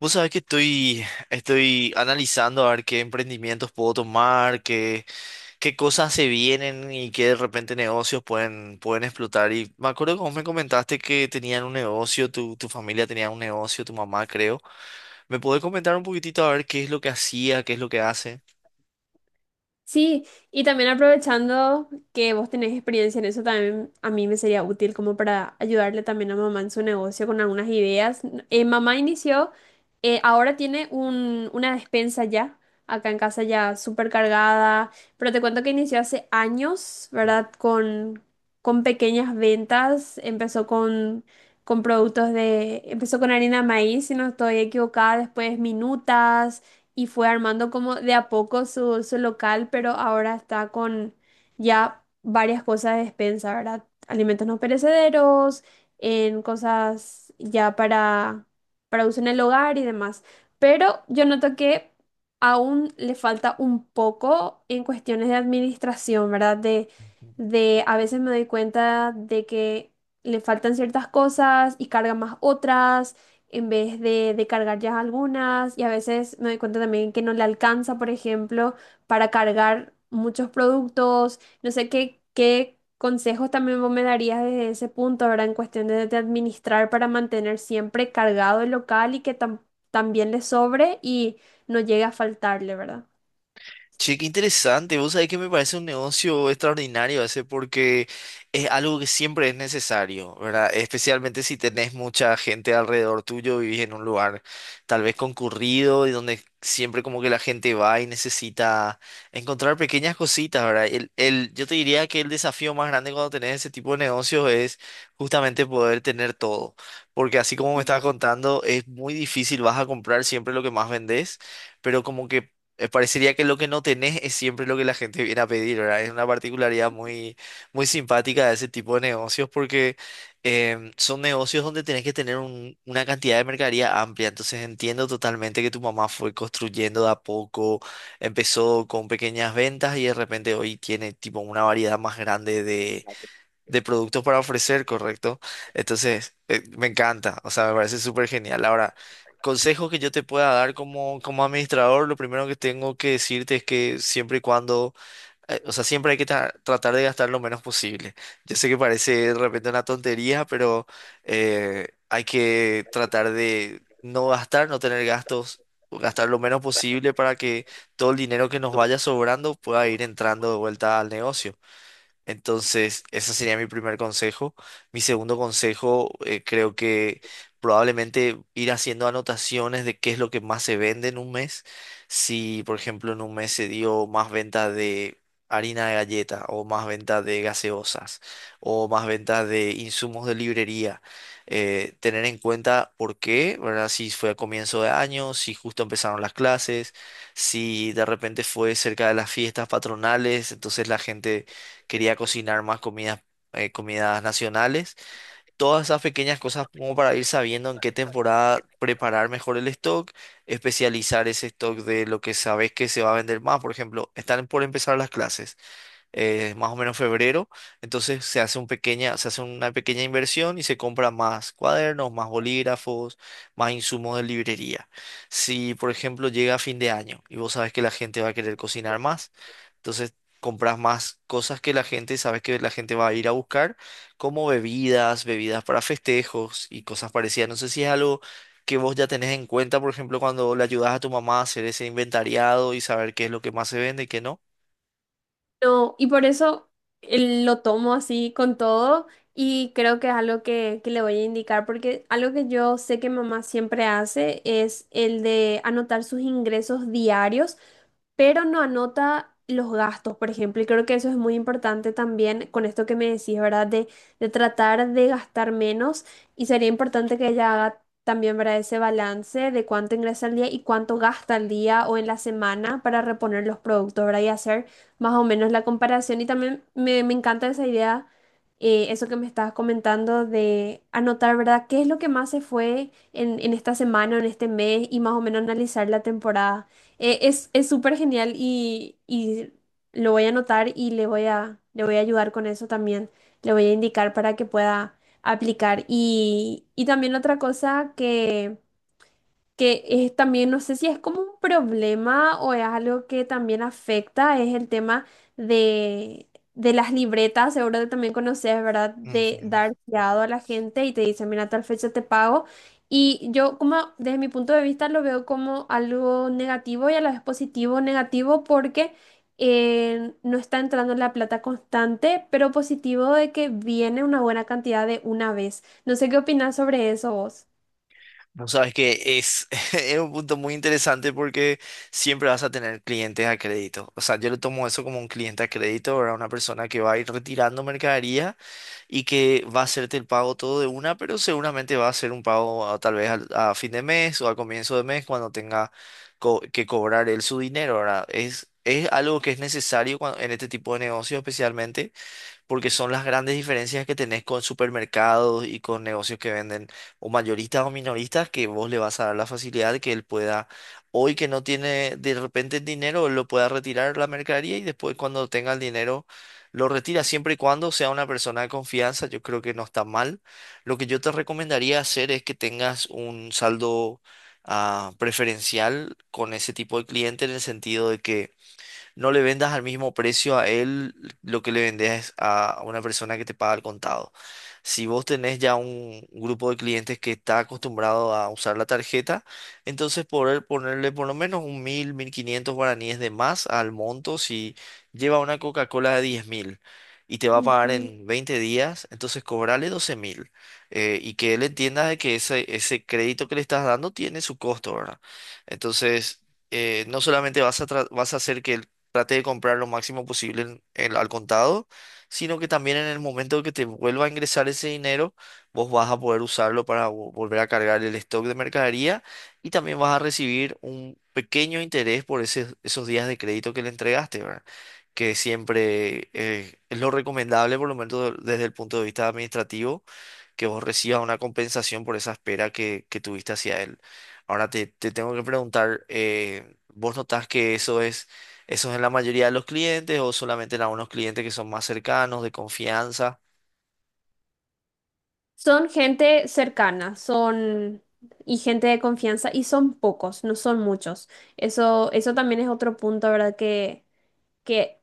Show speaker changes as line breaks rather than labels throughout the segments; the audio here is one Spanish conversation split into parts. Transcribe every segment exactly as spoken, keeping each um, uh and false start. Vos sabés que estoy, estoy analizando a ver qué emprendimientos puedo tomar, qué, qué cosas se vienen y qué de repente negocios pueden, pueden explotar. Y me acuerdo que vos me comentaste que tenían un negocio, tu, tu familia tenía un negocio, tu mamá creo. ¿Me podés comentar un poquitito a ver qué es lo que hacía, qué es lo que hace?
Sí, y también aprovechando que vos tenés experiencia en eso, también a mí me sería útil como para ayudarle también a mamá en su negocio con algunas ideas. Eh, mamá inició, eh, ahora tiene un, una despensa ya, acá en casa ya súper cargada, pero te cuento que inició hace años, ¿verdad? Con, con pequeñas ventas, empezó con, con productos de, empezó con harina de maíz, si no estoy equivocada, después minutas y fue armando como de a poco su, su local, pero ahora está con ya varias cosas de despensa, ¿verdad? Alimentos no perecederos, en cosas ya para, para uso en el hogar y demás. Pero yo noto que aún le falta un poco en cuestiones de administración, ¿verdad? De, de a veces me doy cuenta de que le faltan ciertas cosas y carga más otras en vez de, de cargar ya algunas y a veces me doy cuenta también que no le alcanza, por ejemplo, para cargar muchos productos. No sé qué, qué consejos también vos me darías desde ese punto, verdad. En cuestión de, de administrar para mantener siempre cargado el local y que tam- también le sobre y no llegue a faltarle, ¿verdad?
Che, qué interesante. Vos sabés que me parece un negocio extraordinario ese porque es algo que siempre es necesario, ¿verdad? Especialmente si tenés mucha gente alrededor tuyo, vivís en un lugar tal vez concurrido y donde siempre como que la gente va y necesita encontrar pequeñas cositas, ¿verdad? El, el, yo te diría que el desafío más grande cuando tenés ese tipo de negocios es justamente poder tener todo, porque así como me estabas contando, es muy difícil, vas a comprar siempre lo que más vendés, pero como que eh, parecería que lo que no tenés es siempre lo que la gente viene a pedir, ¿verdad? Es una particularidad muy, muy simpática de ese tipo de negocios porque em, son negocios donde tenés que tener un- una cantidad de mercadería amplia. Entonces entiendo totalmente que tu mamá fue construyendo de a poco, empezó con pequeñas ventas y de repente hoy tiene tipo una variedad más grande de productos para ofrecer, ¿correcto? Entonces, eh, me encanta, o sea, me parece súper genial. Ahora, consejos que yo te pueda dar como, como administrador, lo primero que tengo que decirte es que siempre y cuando, eh, o sea, siempre hay que tra- tratar de gastar lo menos posible. Yo sé que parece de repente una tontería, pero eh, hay que tratar de no gastar, no tener gastos. Gastar lo menos posible para que todo el dinero que nos vaya sobrando pueda ir entrando de vuelta al negocio. Entonces, ese sería mi primer consejo. Mi segundo consejo, eh, creo que probablemente ir haciendo anotaciones de qué es lo que más se vende en un mes. Si, por ejemplo, en un mes se dio más venta de harina de galleta o más venta de gaseosas o más venta de insumos de librería. Eh, tener en cuenta por qué, ¿verdad? Si fue a comienzo de año, si justo empezaron las clases, si de repente fue cerca de las fiestas patronales, entonces la gente quería cocinar más comidas, eh, comidas nacionales. Todas esas pequeñas cosas como para ir sabiendo en qué temporada preparar mejor el stock, especializar ese stock de lo que sabes que se va a vender más. Por ejemplo, están por empezar las clases, eh, más o menos febrero. Entonces se hace un pequeña, se hace una pequeña inversión y se compra más cuadernos, más bolígrafos, más insumos de librería. Si, por ejemplo, llega a fin de año y vos sabes que la gente va a querer cocinar más, entonces compras más cosas que la gente, sabes que la gente va a ir a buscar, como bebidas, bebidas para festejos y cosas parecidas. No sé si es algo que vos ya tenés en cuenta, por ejemplo, cuando le ayudas a tu mamá a hacer ese inventariado y saber qué es lo que más se vende y qué no.
No, y por eso eh, lo tomo así con todo y creo que es algo que, que le voy a indicar, porque algo que yo sé que mamá siempre hace es el de anotar sus ingresos diarios, pero no anota los gastos, por ejemplo, y creo que eso es muy importante también con esto que me decís, ¿verdad? De, de tratar de gastar menos y sería importante que ella haga también, ¿verdad? Ese balance de cuánto ingresa al día y cuánto gasta al día o en la semana para reponer los productos, ¿verdad? Y hacer más o menos la comparación y también me, me encanta esa idea, eh, eso que me estabas comentando de anotar, ¿verdad? ¿Qué es lo que más se fue en, en esta semana, en este mes y más o menos analizar la temporada? Eh, es, es súper genial y, y lo voy a anotar y le voy a, le voy a ayudar con eso también, le voy a indicar para que pueda aplicar. Y, y también otra cosa que que es también, no sé si es como un problema o es algo que también afecta, es el tema de, de las libretas, seguro que también conoces, ¿verdad? De
Ujú.
dar fiado a la gente y te dicen, mira, tal fecha te pago. Y yo como desde mi punto de vista lo veo como algo negativo y a la vez positivo, negativo porque eh, no está entrando la plata constante, pero positivo de que viene una buena cantidad de una vez. No sé qué opinas sobre eso vos.
Vos sabes que es, es un punto muy interesante porque siempre vas a tener clientes a crédito. O sea, yo lo tomo eso como un cliente a crédito, ¿verdad? Una persona que va a ir retirando mercadería y que va a hacerte el pago todo de una, pero seguramente va a hacer un pago a- tal vez al- a fin de mes o a comienzo de mes cuando tenga co- que cobrar él su dinero, ¿verdad? Es, es algo que es necesario cuando en este tipo de negocio, especialmente porque son las grandes diferencias que tenés con supermercados y con negocios que venden o mayoristas o minoristas, que vos le vas a dar la facilidad de que él pueda, hoy que no tiene de repente el dinero, él lo pueda retirar la mercadería y después cuando tenga el dinero. Lo retira siempre y cuando sea una persona de confianza, yo creo que no está mal. Lo que yo te recomendaría hacer es que tengas un saldo ah, preferencial con ese tipo de cliente, en el sentido de que no le vendas al mismo precio a él lo que le vendes a una persona que te paga al contado. Si vos tenés ya un grupo de clientes que está acostumbrado a usar la tarjeta, entonces poder ponerle por lo menos un mil, mil quinientos guaraníes de más al monto si lleva una Coca-Cola de diez mil. Y te va a pagar
Ujú.
en veinte días, entonces cobrale doce mil. Eh, y que él entienda de que ese, ese crédito que le estás dando tiene su costo, ¿verdad? Entonces, eh, no solamente vas a, tra- vas a hacer que trate de comprar lo máximo posible en- en- al contado, sino que también en el momento que te vuelva a ingresar ese dinero, vos vas a poder usarlo para vo- volver a cargar el stock de mercadería y también vas a recibir un pequeño interés por ese- esos días de crédito que le entregaste, ¿verdad? Que siempre eh, es lo recomendable, por lo menos desde el punto de vista administrativo, que vos recibas una compensación por esa espera que, que tuviste hacia él. Ahora te, te tengo que preguntar, eh, ¿vos notás que eso es eso es en la mayoría de los clientes o solamente en algunos clientes que son más cercanos, de confianza?
Son gente cercana, son y gente de confianza y son pocos, no son muchos. Eso, eso también es otro punto, ¿verdad? Que que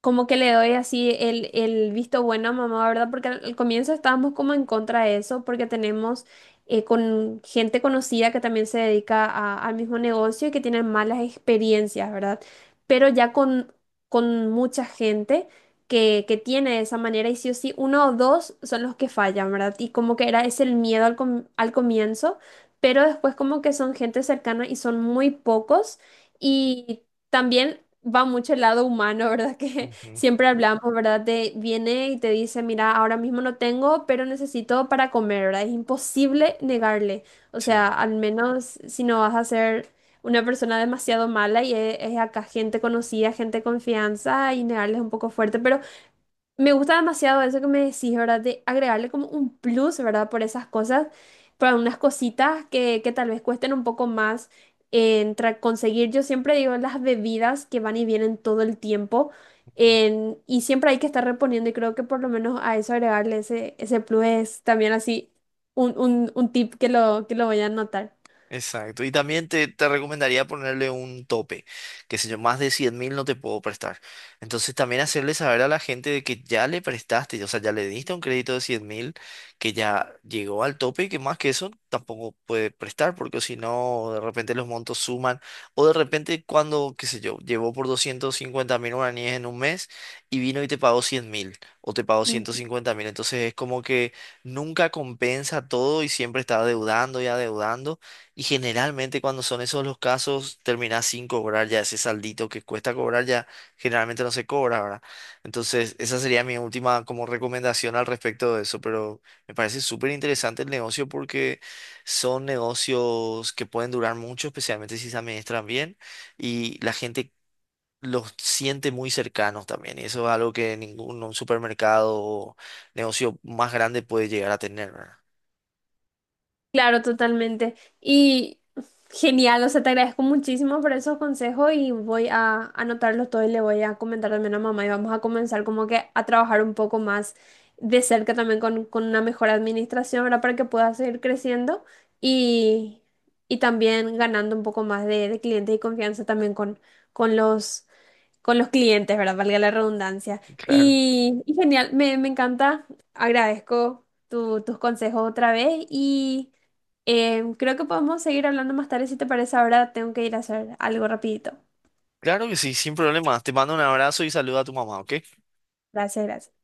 como que le doy así el, el visto bueno a mamá, ¿verdad? Porque al, al comienzo estábamos como en contra de eso, porque tenemos eh, con gente conocida que también se dedica a- al mismo negocio y que tienen malas experiencias, ¿verdad? Pero ya con, con mucha gente. Que, que tiene de esa manera y sí o sí uno o dos son los que fallan, ¿verdad? Y como que era ese el miedo al, com- al comienzo, pero después como que son gente cercana y son muy pocos. Y también va mucho el lado humano, ¿verdad? Que
Ujú.
siempre hablamos, ¿verdad? Te viene y te dice, mira, ahora mismo no tengo, pero necesito para comer, ¿verdad? Es imposible negarle. O sea,
Sí.
al menos si no vas a ser una persona demasiado mala y es, es acá gente conocida, gente de confianza y negarle es un poco fuerte, pero me gusta demasiado eso que me decís, ¿verdad? De agregarle como un plus, ¿verdad? Por esas cosas, por unas cositas que, que tal vez cuesten un poco más en tra- conseguir. Yo siempre digo las bebidas que van y vienen todo el tiempo en- y siempre hay que estar reponiendo y creo que por lo menos a eso agregarle ese, ese plus es también así un, un, un tip que lo, que lo voy a anotar.
Exacto. Y también te, te recomendaría ponerle un tope, que sé yo, más de cien mil no te puedo prestar. Entonces también hacerle saber a la gente de que ya le prestaste, o sea, ya le diste un crédito de cien mil, que ya llegó al tope y que más que eso tampoco puede prestar, porque si no, de repente los montos suman, o de repente cuando, qué sé yo, llevó por doscientos cincuenta mil guaraníes en un mes y vino y te pagó cien mil, o te pagó
Mm.
ciento cincuenta mil. Entonces es como que nunca compensa todo y siempre está adeudando y adeudando. Y generalmente cuando son esos los casos, terminás sin cobrar ya ese saldito que cuesta cobrar, ya generalmente no se cobra, ¿verdad? Entonces, esa sería mi última como recomendación al respecto de eso, pero me parece súper interesante el negocio porque son negocios que pueden durar mucho, especialmente si se administran bien y la gente los siente muy cercanos también. Y eso es algo que ningún un supermercado o negocio más grande puede llegar a tener, ¿verdad?
Claro, totalmente. Y genial, o sea, te agradezco muchísimo por esos consejos y voy a anotarlos todos y le voy a comentar también a mamá y vamos a comenzar como que a trabajar un poco más de cerca también con, con una mejor administración, ¿verdad? Para que pueda seguir creciendo y, y también ganando un poco más de, de clientes y confianza también con, con los con los clientes, ¿verdad? Valga la redundancia.
Claro.
Y, y genial, me, me encanta, agradezco tu- tus consejos otra vez y eh, creo que podemos seguir hablando más tarde si te parece. Ahora tengo que ir a hacer algo rapidito.
Claro que sí, sin problema. Te mando un abrazo y saluda a tu mamá, ¿ok?
Gracias, gracias.